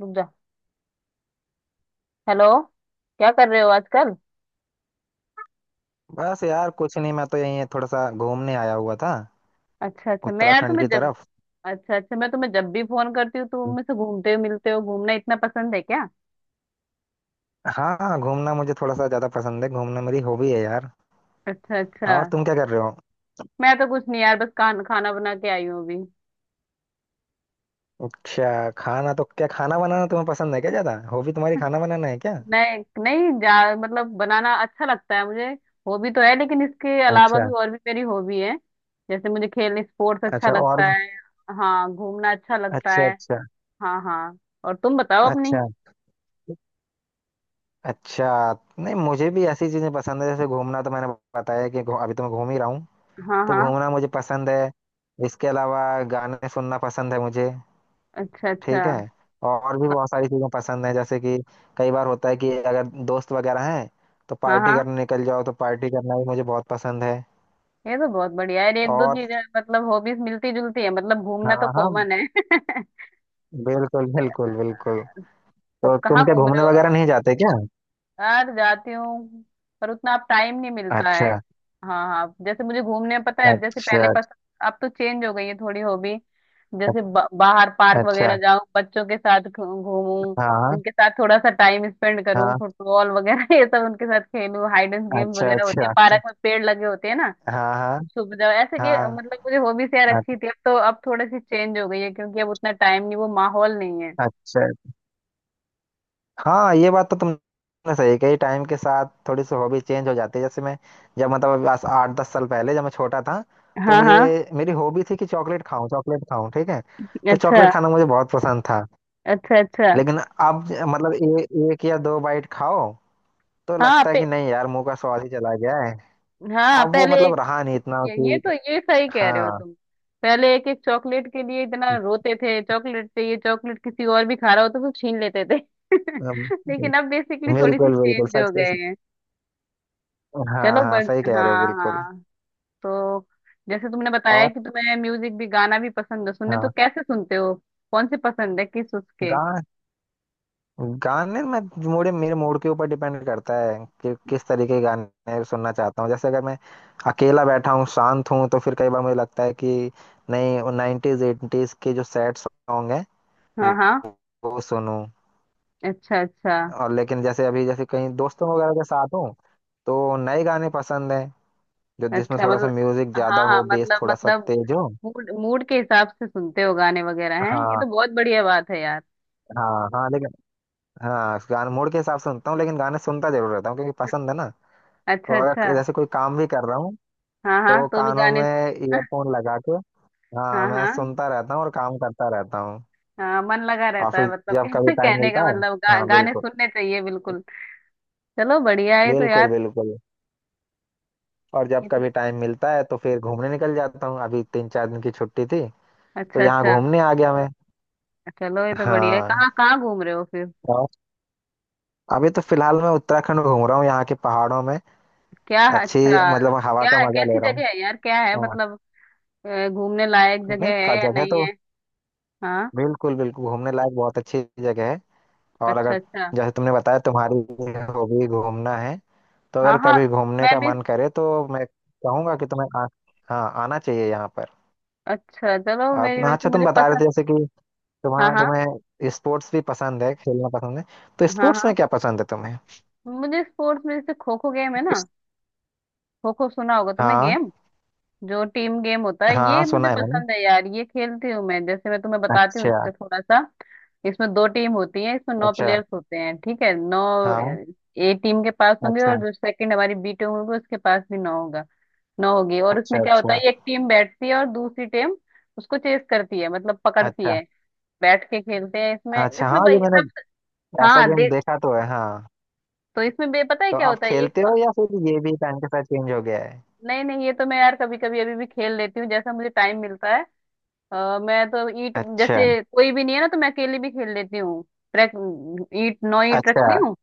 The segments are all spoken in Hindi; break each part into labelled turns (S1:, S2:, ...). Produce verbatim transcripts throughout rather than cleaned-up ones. S1: रुक जा। हेलो। क्या कर रहे हो आजकल?
S2: बस यार कुछ नहीं। मैं तो यहीं थोड़ा सा घूमने आया हुआ था,
S1: अच्छा अच्छा, मैं यार
S2: उत्तराखंड
S1: तुम्हें
S2: की
S1: जब...
S2: तरफ।
S1: अच्छा अच्छा, मैं तुम्हें जब भी फोन करती हूँ तुम मुझसे घूमते हो, मिलते हो। घूमना इतना पसंद है क्या?
S2: हाँ, घूमना मुझे थोड़ा सा ज्यादा पसंद है। घूमना मेरी हॉबी है यार।
S1: अच्छा अच्छा।
S2: और तुम क्या कर रहे हो?
S1: मैं तो कुछ नहीं यार, बस खान, खाना बना के आई हूँ अभी।
S2: अच्छा, खाना तो? क्या खाना बनाना तुम्हें पसंद है क्या? ज्यादा हॉबी तुम्हारी खाना बनाना है क्या?
S1: नहीं नहीं जा। मतलब बनाना अच्छा लगता है मुझे। हॉबी तो है लेकिन इसके अलावा
S2: अच्छा
S1: भी और भी मेरी हॉबी है। जैसे मुझे खेलने स्पोर्ट्स अच्छा
S2: अच्छा। और?
S1: लगता है। हाँ घूमना अच्छा लगता
S2: अच्छा
S1: है।
S2: अच्छा।
S1: हाँ हाँ। और तुम बताओ अपनी।
S2: अच्छा अच्छा। नहीं, मुझे भी ऐसी चीजें पसंद है, जैसे घूमना तो मैंने बताया कि घू- अभी तो मैं घूम ही रहा हूँ।
S1: हाँ
S2: तो
S1: हाँ।
S2: घूमना मुझे पसंद है। इसके अलावा गाने सुनना पसंद है मुझे।
S1: अच्छा अच्छा।
S2: ठीक है। और भी बहुत सारी चीजें पसंद है, जैसे कि कई बार होता है कि अगर दोस्त वगैरह हैं तो
S1: हाँ
S2: पार्टी
S1: हाँ,
S2: करने निकल जाओ, तो पार्टी करना भी मुझे बहुत पसंद है।
S1: ये तो बहुत बढ़िया है। एक दो
S2: और
S1: चीजें मतलब हॉबीज मिलती जुलती है, मतलब घूमना तो
S2: हाँ हाँ,
S1: कॉमन है
S2: बिल्कुल बिल्कुल बिल्कुल।
S1: तो
S2: तो
S1: कहाँ
S2: तुम क्या
S1: घूम रहे
S2: घूमने
S1: हो?
S2: वगैरह नहीं जाते क्या?
S1: यार जाती हूँ, पर उतना अब टाइम नहीं मिलता है।
S2: अच्छा
S1: हाँ हाँ, जैसे मुझे घूमने में पता है, जैसे पहले
S2: अच्छा
S1: पसंद... अब तो चेंज हो गई है थोड़ी हॉबी। जैसे ब- बाहर पार्क वगैरह
S2: अच्छा।
S1: जाऊं, बच्चों के साथ घू- घूमूं,
S2: हाँ
S1: उनके साथ थोड़ा सा टाइम स्पेंड करूं।
S2: हाँ।
S1: फुटबॉल वगैरह ये सब उनके साथ खेलूं। हाइड एंड गेम
S2: अच्छा
S1: वगैरह होते हैं,
S2: अच्छा अच्छा।
S1: पार्क में पेड़ लगे होते हैं ना,
S2: हाँ हाँ
S1: छुप जाओ ऐसे कि... मतलब मुझे हॉबीज यार
S2: हाँ।
S1: अच्छी थी। अब तो अब थोड़ी सी चेंज हो गई है क्योंकि अब उतना टाइम नहीं, वो माहौल नहीं है।
S2: अच्छा। हाँ, ये बात तो तुमने सही कही, टाइम के साथ थोड़ी सी हॉबी चेंज हो जाती है। जैसे मैं, जब मतलब अभी आज आठ दस साल पहले, जब मैं छोटा था तो
S1: हाँ हाँ।
S2: मुझे, मेरी हॉबी थी कि चॉकलेट खाऊं चॉकलेट खाऊं। ठीक है। तो
S1: अच्छा
S2: चॉकलेट खाना मुझे बहुत पसंद था।
S1: अच्छा अच्छा।
S2: लेकिन अब ज- मतलब ए, एक या दो बाइट खाओ तो
S1: हाँ
S2: लगता है
S1: पे,
S2: कि नहीं यार मुंह का स्वाद ही चला गया है।
S1: हाँ
S2: अब वो
S1: पहले
S2: मतलब
S1: एक-
S2: रहा नहीं इतना
S1: ये, ये
S2: कि
S1: तो ये सही कह रहे हो
S2: हाँ।
S1: तुम। पहले एक एक चॉकलेट के लिए इतना रोते थे, चॉकलेट चाहिए, चॉकलेट किसी और भी खा रहा हो तो सब छीन लेते थे
S2: अम,
S1: लेकिन अब बेसिकली थोड़ी सी
S2: बिल्कुल बिल्कुल
S1: चेंज हो गए
S2: सच।
S1: हैं।
S2: हाँ
S1: चलो
S2: हाँ,
S1: बस।
S2: सही कह रहे हो
S1: हाँ
S2: बिल्कुल।
S1: हाँ। तो जैसे तुमने बताया
S2: और
S1: कि तुम्हें म्यूजिक भी, गाना भी पसंद है सुनने, तो
S2: हाँ,
S1: कैसे सुनते हो? कौन से पसंद है किस उसके?
S2: गाने में मोड़े मेरे मूड के ऊपर डिपेंड करता है कि किस तरीके के गाने सुनना चाहता हूँ। जैसे अगर मैं अकेला बैठा हूँ शांत हूँ तो फिर कई बार मुझे लगता है कि नहीं, नाइन्टीज एटीज के जो सैड सॉन्ग हैं
S1: हाँ
S2: वो,
S1: हाँ।
S2: वो सुनूं।
S1: अच्छा अच्छा।
S2: और लेकिन जैसे अभी जैसे कहीं दोस्तों वगैरह के साथ हूँ तो नए गाने पसंद हैं, जो जिसमें
S1: अच्छा
S2: थोड़ा सा
S1: मतलब...
S2: म्यूजिक ज्यादा
S1: हाँ हाँ,
S2: हो, बेस
S1: मतलब
S2: थोड़ा सा
S1: मतलब
S2: तेज हो।
S1: मूड मूड के हिसाब से सुनते हो गाने वगैरह हैं, ये
S2: हाँ
S1: तो बहुत बढ़िया बात है यार।
S2: हाँ हाँ, लेकिन हाँ, गाने मूड के हिसाब से सुनता हूँ, लेकिन गाने सुनता जरूर रहता हूँ क्योंकि पसंद है ना।
S1: अच्छा
S2: तो
S1: अच्छा।
S2: अगर जैसे कोई काम भी कर रहा हूँ
S1: हाँ हाँ,
S2: तो
S1: तो भी
S2: कानों
S1: गाने
S2: में ईयरफोन लगा के, हाँ,
S1: हाँ
S2: मैं
S1: हाँ
S2: सुनता रहता हूँ और काम करता रहता हूँ।
S1: हाँ मन लगा
S2: और
S1: रहता
S2: फिर
S1: है, मतलब
S2: जब कभी टाइम
S1: कहने का
S2: मिलता है,
S1: मतलब गा,
S2: हाँ
S1: गाने
S2: बिल्कुल,
S1: सुनने चाहिए बिल्कुल। चलो बढ़िया है तो यार।
S2: बिल्कुल बिल्कुल। और जब
S1: ये तो...
S2: कभी टाइम मिलता है तो फिर घूमने निकल जाता हूँ। अभी तीन चार दिन की छुट्टी थी तो
S1: अच्छा
S2: यहाँ
S1: अच्छा।
S2: घूमने आ गया मैं।
S1: चलो ये तो बढ़िया है।
S2: हाँ।
S1: कहाँ कहाँ घूम रहे हो फिर?
S2: और अभी तो फिलहाल मैं उत्तराखंड घूम रहा हूँ, यहाँ के पहाड़ों में।
S1: क्या?
S2: अच्छी,
S1: अच्छा
S2: मतलब हवा
S1: क्या
S2: का
S1: है?
S2: मजा
S1: कैसी
S2: ले रहा हूँ।
S1: जगह है यार? क्या है
S2: हाँ।
S1: मतलब, अ, घूमने लायक
S2: नहीं
S1: जगह है
S2: का,
S1: या
S2: जगह
S1: नहीं
S2: तो
S1: है? हाँ।
S2: बिल्कुल बिल्कुल घूमने लायक बहुत अच्छी जगह है। और
S1: अच्छा
S2: अगर
S1: अच्छा।
S2: जैसे तुमने बताया तुम्हारी हॉबी घूमना है, तो
S1: हाँ
S2: अगर
S1: हाँ,
S2: कभी घूमने
S1: मैं
S2: का
S1: भी...
S2: मन करे तो मैं कहूंगा कि तुम्हें आ, हाँ, आना चाहिए यहाँ पर।
S1: अच्छा चलो, मेरी
S2: और-
S1: वैसे
S2: अच्छा, तुम
S1: मुझे
S2: बता रहे
S1: पसंद...
S2: थे जैसे कि
S1: हाँ
S2: तुम्हें
S1: हाँ।
S2: तुम्हें स्पोर्ट्स भी पसंद है, खेलना पसंद है। तो
S1: हाँ
S2: स्पोर्ट्स में
S1: हाँ।
S2: क्या पसंद है तुम्हें?
S1: मुझे स्पोर्ट्स में जैसे खो खो गेम है ना,
S2: इस-
S1: खो खो सुना होगा तुमने
S2: हाँ
S1: गेम। जो टीम गेम होता है,
S2: हाँ
S1: ये
S2: हाँ, सुना
S1: मुझे
S2: है मैंने।
S1: पसंद है यार, ये खेलती हूँ मैं। जैसे मैं तुम्हें बताती हूँ
S2: अच्छा
S1: इसका थोड़ा सा। इसमें दो टीम होती है, इसमें नौ
S2: अच्छा।
S1: प्लेयर्स होते हैं, ठीक है? नौ
S2: हाँ।
S1: ए टीम के पास होंगे और
S2: अच्छा
S1: जो सेकंड हमारी बी टीम होगी, उसके पास भी नौ होगा ना, होगी। और उसमें
S2: अच्छा
S1: क्या होता
S2: अच्छा।
S1: है, एक टीम बैठती है और दूसरी टीम उसको चेस करती है, मतलब पकड़ती
S2: अच्छा
S1: है। बैठ के खेलते हैं इसमें,
S2: अच्छा। हाँ,
S1: इसमें
S2: ये
S1: भाई
S2: मैंने
S1: सब।
S2: ऐसा
S1: हाँ
S2: गेम
S1: दे।
S2: देखा तो है, हाँ।
S1: तो इसमें बे पता है
S2: तो
S1: क्या
S2: आप
S1: होता है
S2: खेलते
S1: एक...
S2: हो या फिर ये भी टाइम के साथ चेंज हो गया है?
S1: नहीं नहीं, ये तो मैं यार कभी कभी अभी भी खेल लेती हूँ, जैसा मुझे टाइम मिलता है। अ, मैं तो ईट
S2: अच्छा
S1: जैसे कोई भी नहीं है ना, तो मैं अकेली भी खेल लेती हूँ। रख। ईट नौ ईट
S2: अच्छा,
S1: रखती हूँ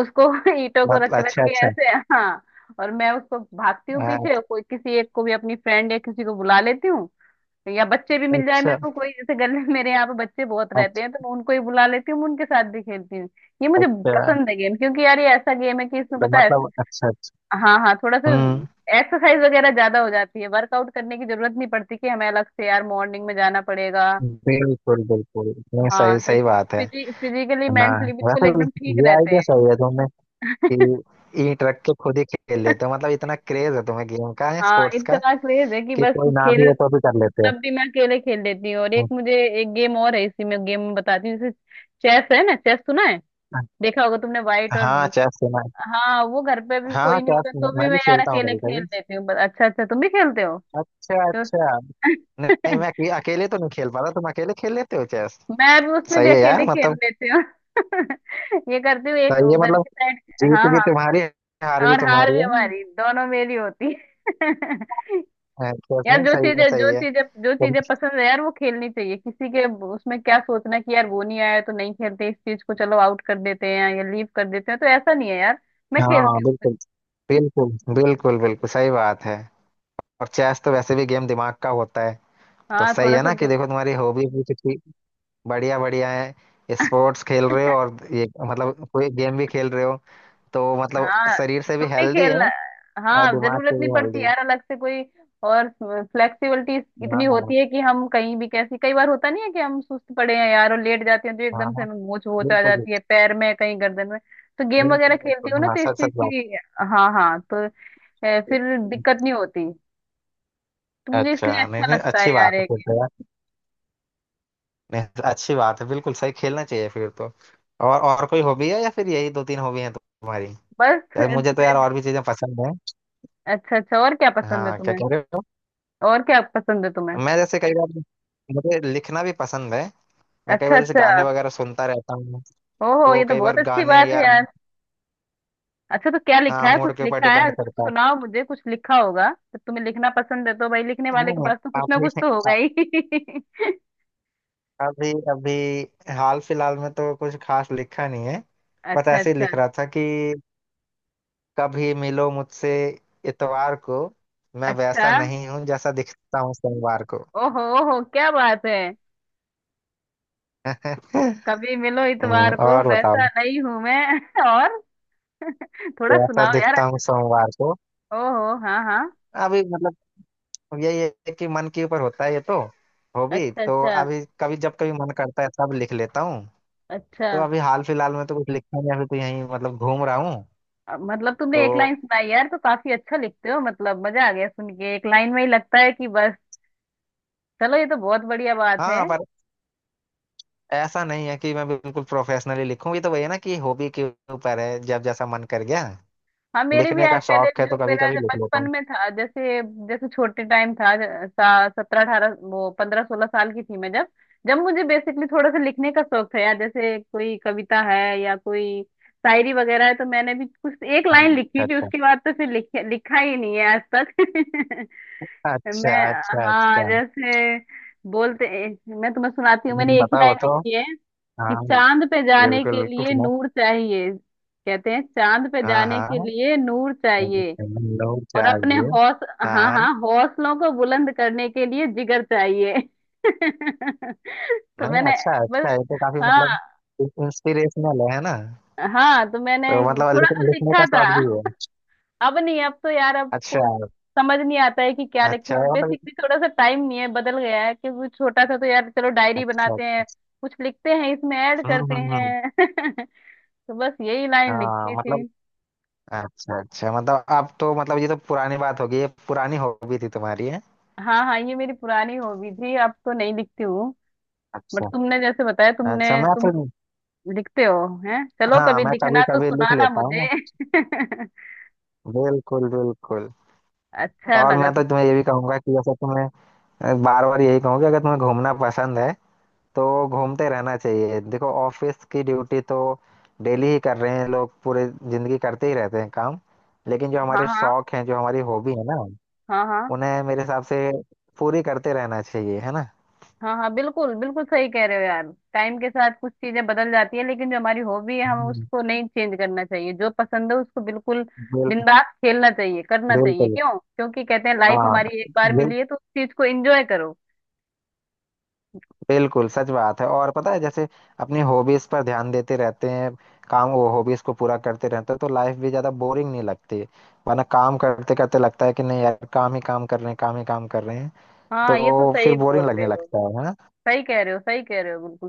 S1: उसको। ईटों को
S2: मतलब
S1: रख रख
S2: अच्छा
S1: के
S2: अच्छा।
S1: ऐसे, हाँ। और मैं उसको भागती हूँ पीछे, और
S2: अच्छा
S1: कोई किसी एक को भी अपनी फ्रेंड या किसी को बुला लेती हूँ, या बच्चे भी मिल जाए मेरे को कोई, जैसे गले मेरे यहाँ पे बच्चे बहुत रहते
S2: अच्छा
S1: हैं, तो मैं उनको ही बुला लेती हूँ, मैं उनके साथ भी खेलती हूँ। ये मुझे
S2: अच्छा।
S1: पसंद है गेम, क्योंकि यार ये ऐसा गेम है कि इसमें
S2: तो
S1: पता है,
S2: मतलब अच्छा अच्छा।
S1: हाँ हाँ थोड़ा सा
S2: हम्म।
S1: एक्सरसाइज वगैरह ज्यादा हो जाती है, वर्कआउट करने की जरूरत नहीं पड़ती कि हमें अलग से यार मॉर्निंग में जाना पड़ेगा।
S2: बिल्कुल बिल्कुल, नहीं
S1: हाँ
S2: सही
S1: तो
S2: सही बात
S1: इसमें
S2: है।
S1: फिजिकली
S2: हाँ,
S1: मेंटली बिल्कुल
S2: वैसे भी
S1: एकदम ठीक
S2: ये
S1: रहते
S2: आइडिया
S1: हैं।
S2: सही है तुमने, कि ईंट रख के खुद ही खेल लेते हो। मतलब इतना क्रेज है तुम्हें गेम का, है
S1: हाँ
S2: स्पोर्ट्स का,
S1: इतना क्रेज है कि
S2: कि
S1: बस
S2: कोई ना भी
S1: खेल,
S2: हो तो भी कर लेते
S1: तब भी मैं अकेले खेल लेती हूँ। और एक
S2: हो।
S1: मुझे, एक गेम और है इसी में, गेम बताती हूँ जैसे चेस है ना? चेस सुना है, देखा होगा तुमने, व्हाइट और...
S2: हाँ, चेस सुना है।
S1: हाँ वो घर पे भी
S2: हाँ हाँ,
S1: कोई नहीं
S2: चेस
S1: होता
S2: मैं
S1: तो भी
S2: मैं भी
S1: मैं यार
S2: खेलता हूँ
S1: अकेले
S2: कभी
S1: खेल
S2: कभी।
S1: लेती हूँ बस। अच्छा अच्छा तुम भी खेलते हो?
S2: अच्छा
S1: तो
S2: अच्छा। नहीं, मैं अके- अकेले तो नहीं खेल पाता। तुम अकेले खेल लेते हो चेस?
S1: मैं भी उसमें भी
S2: सही है यार,
S1: अकेले खेल
S2: मतलब
S1: लेती हूँ। ये करती हूँ एक
S2: सही है
S1: उधर
S2: मतलब।
S1: की साइड।
S2: जीत
S1: हाँ
S2: भी
S1: हाँ,
S2: तुम्हारी है, हार भी
S1: और हार
S2: तुम्हारी
S1: भी
S2: है।
S1: हमारी दोनों मेरी होती है
S2: हाँ, चेस
S1: यार
S2: में
S1: जो
S2: सही है
S1: चीजें
S2: सही
S1: जो
S2: है।
S1: चीजें जो चीजें पसंद है यार वो खेलनी चाहिए। किसी के उसमें क्या सोचना कि यार वो नहीं आया तो नहीं खेलते इस चीज को, चलो आउट कर देते हैं या लीव कर देते हैं, तो ऐसा नहीं है यार। मैं
S2: हाँ
S1: खेलती
S2: बिल्कुल बिल्कुल बिल्कुल। बिल्कुल सही बात है। और चेस तो वैसे भी गेम दिमाग का होता है।
S1: हूँ।
S2: तो
S1: हाँ
S2: सही
S1: थोड़ा
S2: है
S1: सा।
S2: ना कि देखो, तुम्हारी हॉबी भी कितनी बढ़िया, बढ़िया है। स्पोर्ट्स खेल रहे हो और ये मतलब कोई गेम भी खेल रहे हो। तो मतलब
S1: हाँ
S2: शरीर से
S1: तुम
S2: भी
S1: भी
S2: हेल्दी है
S1: खेलना।
S2: और
S1: हाँ
S2: दिमाग
S1: जरूरत
S2: से भी
S1: नहीं पड़ती
S2: हेल्दी।
S1: यार अलग से कोई। और फ्लेक्सिबिलिटी इतनी
S2: हाँ
S1: होती है कि हम कहीं भी कैसी, कई बार होता नहीं है कि हम सुस्त पड़े हैं यार और लेट जाते हैं, तो
S2: हाँ
S1: एकदम से
S2: हाँ,
S1: हमें मोच वोच आ
S2: बिल्कुल
S1: जाती है पैर में, कहीं गर्दन में। तो गेम वगैरह
S2: बिल्कुल
S1: खेलती
S2: बिल्कुल
S1: हो ना
S2: हाँ,
S1: तो इस
S2: सच
S1: चीज
S2: सच बात
S1: की... हाँ हाँ। तो अ, फिर दिक्कत
S2: है।
S1: नहीं होती। तो मुझे इसलिए
S2: अच्छा, नहीं
S1: अच्छा
S2: नहीं,
S1: लगता
S2: अच्छी
S1: है यार
S2: बात है
S1: ये
S2: फिर
S1: game।
S2: तो यार। नहीं, अच्छी बात है, बिल्कुल सही, खेलना चाहिए फिर तो। और और कोई हॉबी है या फिर यही दो तीन हॉबी है तुम्हारी?
S1: बस
S2: यार
S1: अ,
S2: मुझे तो यार और भी चीजें पसंद है।
S1: अच्छा अच्छा, और क्या पसंद है
S2: हाँ क्या
S1: तुम्हें?
S2: कह रहे हो?
S1: और क्या पसंद है तुम्हें?
S2: मैं जैसे कई बार, मुझे लिखना भी पसंद है। मैं कई
S1: अच्छा
S2: बार जैसे
S1: अच्छा।
S2: गाने वगैरह सुनता रहता हूँ,
S1: ओहो,
S2: तो
S1: ये तो
S2: कई बार
S1: बहुत अच्छी
S2: गाने
S1: बात
S2: या
S1: है यार। अच्छा तो क्या लिखा
S2: हाँ,
S1: है?
S2: मूड
S1: कुछ
S2: के ऊपर
S1: लिखा है,
S2: डिपेंड
S1: कुछ
S2: करता है।
S1: सुनाओ मुझे। कुछ लिखा होगा, जब तुम्हें लिखना पसंद है तो भाई लिखने वाले के
S2: हम्म,
S1: पास तो कुछ ना
S2: अभी,
S1: कुछ तो होगा ही
S2: अभी अभी हाल फिलहाल में तो कुछ खास लिखा नहीं है। बस
S1: अच्छा
S2: ऐसे ही
S1: अच्छा
S2: लिख रहा था कि कभी मिलो मुझसे इतवार को, मैं
S1: अच्छा।
S2: वैसा नहीं हूँ जैसा दिखता हूँ सोमवार को।
S1: ओहो ओहो क्या बात है! कभी मिलो
S2: हम्म,
S1: इतवार को,
S2: और बताओ।
S1: वैसा नहीं हूं मैं और थोड़ा
S2: जैसा
S1: सुनाओ यार।
S2: दिखता हूँ सोमवार को।
S1: ओहो हाँ हाँ।
S2: अभी मतलब अब यही है कि मन के ऊपर होता है ये तो। हॉबी
S1: अच्छा
S2: तो
S1: अच्छा
S2: अभी कभी, जब कभी मन करता है सब लिख लेता हूँ।
S1: अच्छा।
S2: तो अभी हाल फिलहाल में तो कुछ लिखा नहीं है, अभी तो यहीं मतलब घूम रहा हूँ
S1: अब मतलब
S2: तो।
S1: तुमने एक लाइन सुनाई यार, तो काफी अच्छा लिखते हो मतलब, मजा आ गया सुन के। एक लाइन में ही लगता है कि बस। चलो ये तो बहुत बढ़िया बात है।
S2: हाँ, पर ऐसा नहीं है कि मैं बिल्कुल प्रोफेशनली लिखूँ, ये तो वही है ना कि हॉबी के ऊपर है, जब जैसा मन कर गया,
S1: हाँ मेरे भी
S2: लिखने
S1: यार
S2: का
S1: पहले,
S2: शौक है
S1: जो
S2: तो कभी
S1: मेरा
S2: कभी
S1: जो
S2: लिख लेता
S1: बचपन
S2: हूँ।
S1: में था, जैसे जैसे छोटे टाइम था, सत्रह अठारह, वो पंद्रह सोलह साल की थी मैं जब, जब मुझे बेसिकली थोड़ा सा लिखने का शौक था यार। जैसे कोई कविता है या कोई शायरी वगैरह है, तो मैंने भी कुछ एक
S2: हाँ,
S1: लाइन लिखी थी,
S2: अच्छा
S1: उसके बाद तो फिर लिख, लिखा ही नहीं है आज तक
S2: अच्छा अच्छा
S1: मैं,
S2: अच्छा
S1: हाँ
S2: अच्छा।
S1: जैसे, बोलते, मैं तुम्हें सुनाती हूँ,
S2: हम्म,
S1: मैंने एक ही
S2: बताओ
S1: लाइन
S2: बताओ।
S1: लिखी है कि
S2: हाँ
S1: चांद पे जाने
S2: बिल्कुल
S1: के
S2: बिल्कुल।
S1: लिए नूर चाहिए। कहते हैं चांद पे
S2: हाँ
S1: जाने के
S2: हाँ,
S1: लिए नूर चाहिए,
S2: लोग
S1: और अपने
S2: चाहिए।
S1: हौस,
S2: हाँ
S1: हाँ
S2: हाँ।
S1: हाँ, हौसलों को बुलंद करने के लिए जिगर चाहिए तो
S2: नहीं,
S1: मैंने
S2: अच्छा है
S1: बस,
S2: अच्छा है, ये तो काफी
S1: हाँ
S2: मतलब इंस्पिरेशनल है ना।
S1: हाँ, तो मैंने
S2: तो मतलब
S1: थोड़ा
S2: लिखने,
S1: सा
S2: लिखने
S1: लिखा
S2: का
S1: था।
S2: शौक भी है।
S1: अब नहीं, अब तो यार अब
S2: अच्छा,
S1: को समझ नहीं आता है कि क्या लिखे।
S2: अच्छा
S1: और
S2: है मतलब।
S1: बेसिकली थोड़ा सा टाइम नहीं है, बदल गया है क्योंकि छोटा था तो यार, चलो डायरी
S2: अच्छा
S1: बनाते हैं,
S2: अच्छा।
S1: कुछ लिखते हैं, इसमें ऐड
S2: हम्म
S1: करते
S2: हम्म हम्म।
S1: हैं तो बस यही लाइन
S2: हाँ
S1: लिखी थी।
S2: मतलब, अच्छा अच्छा। मतलब अब तो मतलब ये तो पुरानी बात होगी, ये पुरानी हॉबी थी तुम्हारी, है।
S1: हाँ हाँ, ये मेरी पुरानी हॉबी थी, अब तो नहीं लिखती हूँ। बट
S2: अच्छा
S1: तुमने जैसे बताया,
S2: अच्छा,
S1: तुमने
S2: मैं
S1: तुम
S2: तो
S1: लिखते हो, हैं, चलो
S2: हाँ,
S1: कभी
S2: मैं कभी
S1: लिखना तो
S2: कभी लिख
S1: सुनाना
S2: लेता
S1: मुझे
S2: हूँ। बिल्कुल बिल्कुल।
S1: अच्छा
S2: और
S1: लगा
S2: मैं
S1: तो।
S2: तो तुम्हें ये भी कहूंगा कि जैसे तुम्हें, बार बार यही कहूंगा, अगर तुम्हें घूमना पसंद है तो घूमते रहना चाहिए। देखो, ऑफिस की ड्यूटी तो डेली ही कर रहे हैं लोग, पूरे जिंदगी करते ही रहते हैं काम। लेकिन जो
S1: हाँ
S2: हमारे
S1: हाँ।
S2: शौक हैं, जो हमारी हॉबी है ना,
S1: हाँ हाँ।
S2: उन्हें मेरे हिसाब से पूरी करते रहना चाहिए, है ना।
S1: हाँ हाँ। बिल्कुल बिल्कुल सही कह रहे हो यार। टाइम के साथ कुछ चीजें बदल जाती है, लेकिन जो हमारी हॉबी है हमें
S2: हम्म,
S1: उसको नहीं चेंज करना चाहिए, जो पसंद है उसको बिल्कुल
S2: बिल,
S1: दिन रात खेलना चाहिए, करना चाहिए।
S2: बिल्कुल।
S1: क्यों? क्योंकि कहते हैं लाइफ
S2: हाँ
S1: हमारी एक बार
S2: बिल,
S1: मिली है, तो उस चीज को एंजॉय करो।
S2: बिल्कुल सच बात है। और पता है, जैसे अपनी हॉबीज पर ध्यान देते रहते हैं काम, वो हॉबीज को पूरा करते रहते हैं, तो लाइफ भी ज्यादा बोरिंग नहीं लगती। वरना काम करते करते लगता है कि नहीं यार, काम ही काम कर रहे हैं, काम ही काम कर रहे हैं।
S1: हाँ ये तो
S2: तो फिर
S1: सही बोल
S2: बोरिंग
S1: रहे
S2: लगने
S1: हो,
S2: लगता है है ना।
S1: सही कह रहे हो, सही कह रहे हो बिल्कुल।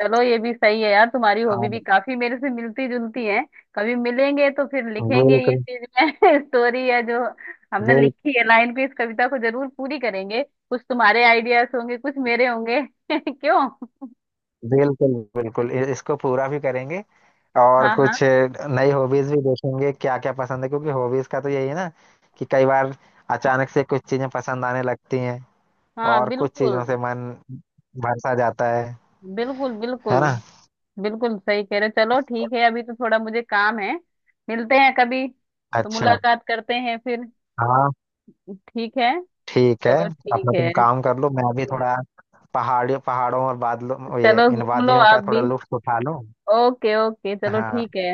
S1: चलो ये भी सही है यार, तुम्हारी हॉबी
S2: हाँ,
S1: भी काफी मेरे से मिलती जुलती है। कभी मिलेंगे तो फिर लिखेंगे ये
S2: बिल्कुल
S1: चीज में स्टोरी है, जो हमने
S2: बिल,
S1: लिखी है लाइन पे, इस कविता को जरूर पूरी करेंगे। कुछ तुम्हारे आइडियाज होंगे, कुछ मेरे होंगे क्यों?
S2: बिल्कुल बिल्कुल इ- इसको पूरा भी करेंगे। और
S1: हाँ हाँ
S2: कुछ नई हॉबीज भी देखेंगे क्या क्या पसंद है, क्योंकि हॉबीज का तो यही है ना कि कई बार अचानक से कुछ चीजें पसंद आने लगती हैं
S1: हाँ।
S2: और कुछ चीजों
S1: बिल्कुल
S2: से मन भर सा जाता है
S1: बिल्कुल
S2: है
S1: बिल्कुल।
S2: ना।
S1: बिल्कुल सही कह रहे हो। चलो ठीक है, अभी तो थोड़ा मुझे काम है, मिलते हैं कभी, तो
S2: अच्छा।
S1: मुलाकात करते हैं फिर,
S2: हाँ।
S1: ठीक है?
S2: ठीक है।
S1: चलो ठीक
S2: अपना तुम
S1: है।
S2: काम कर लो, मैं भी थोड़ा पहाड़ियों, पहाड़ों और बादलों, ये
S1: चलो
S2: इन
S1: घूम लो
S2: वादियों का
S1: आप
S2: थोड़ा
S1: भी।
S2: लुत्फ उठा लूं।
S1: ओके ओके चलो ठीक
S2: हाँ
S1: है।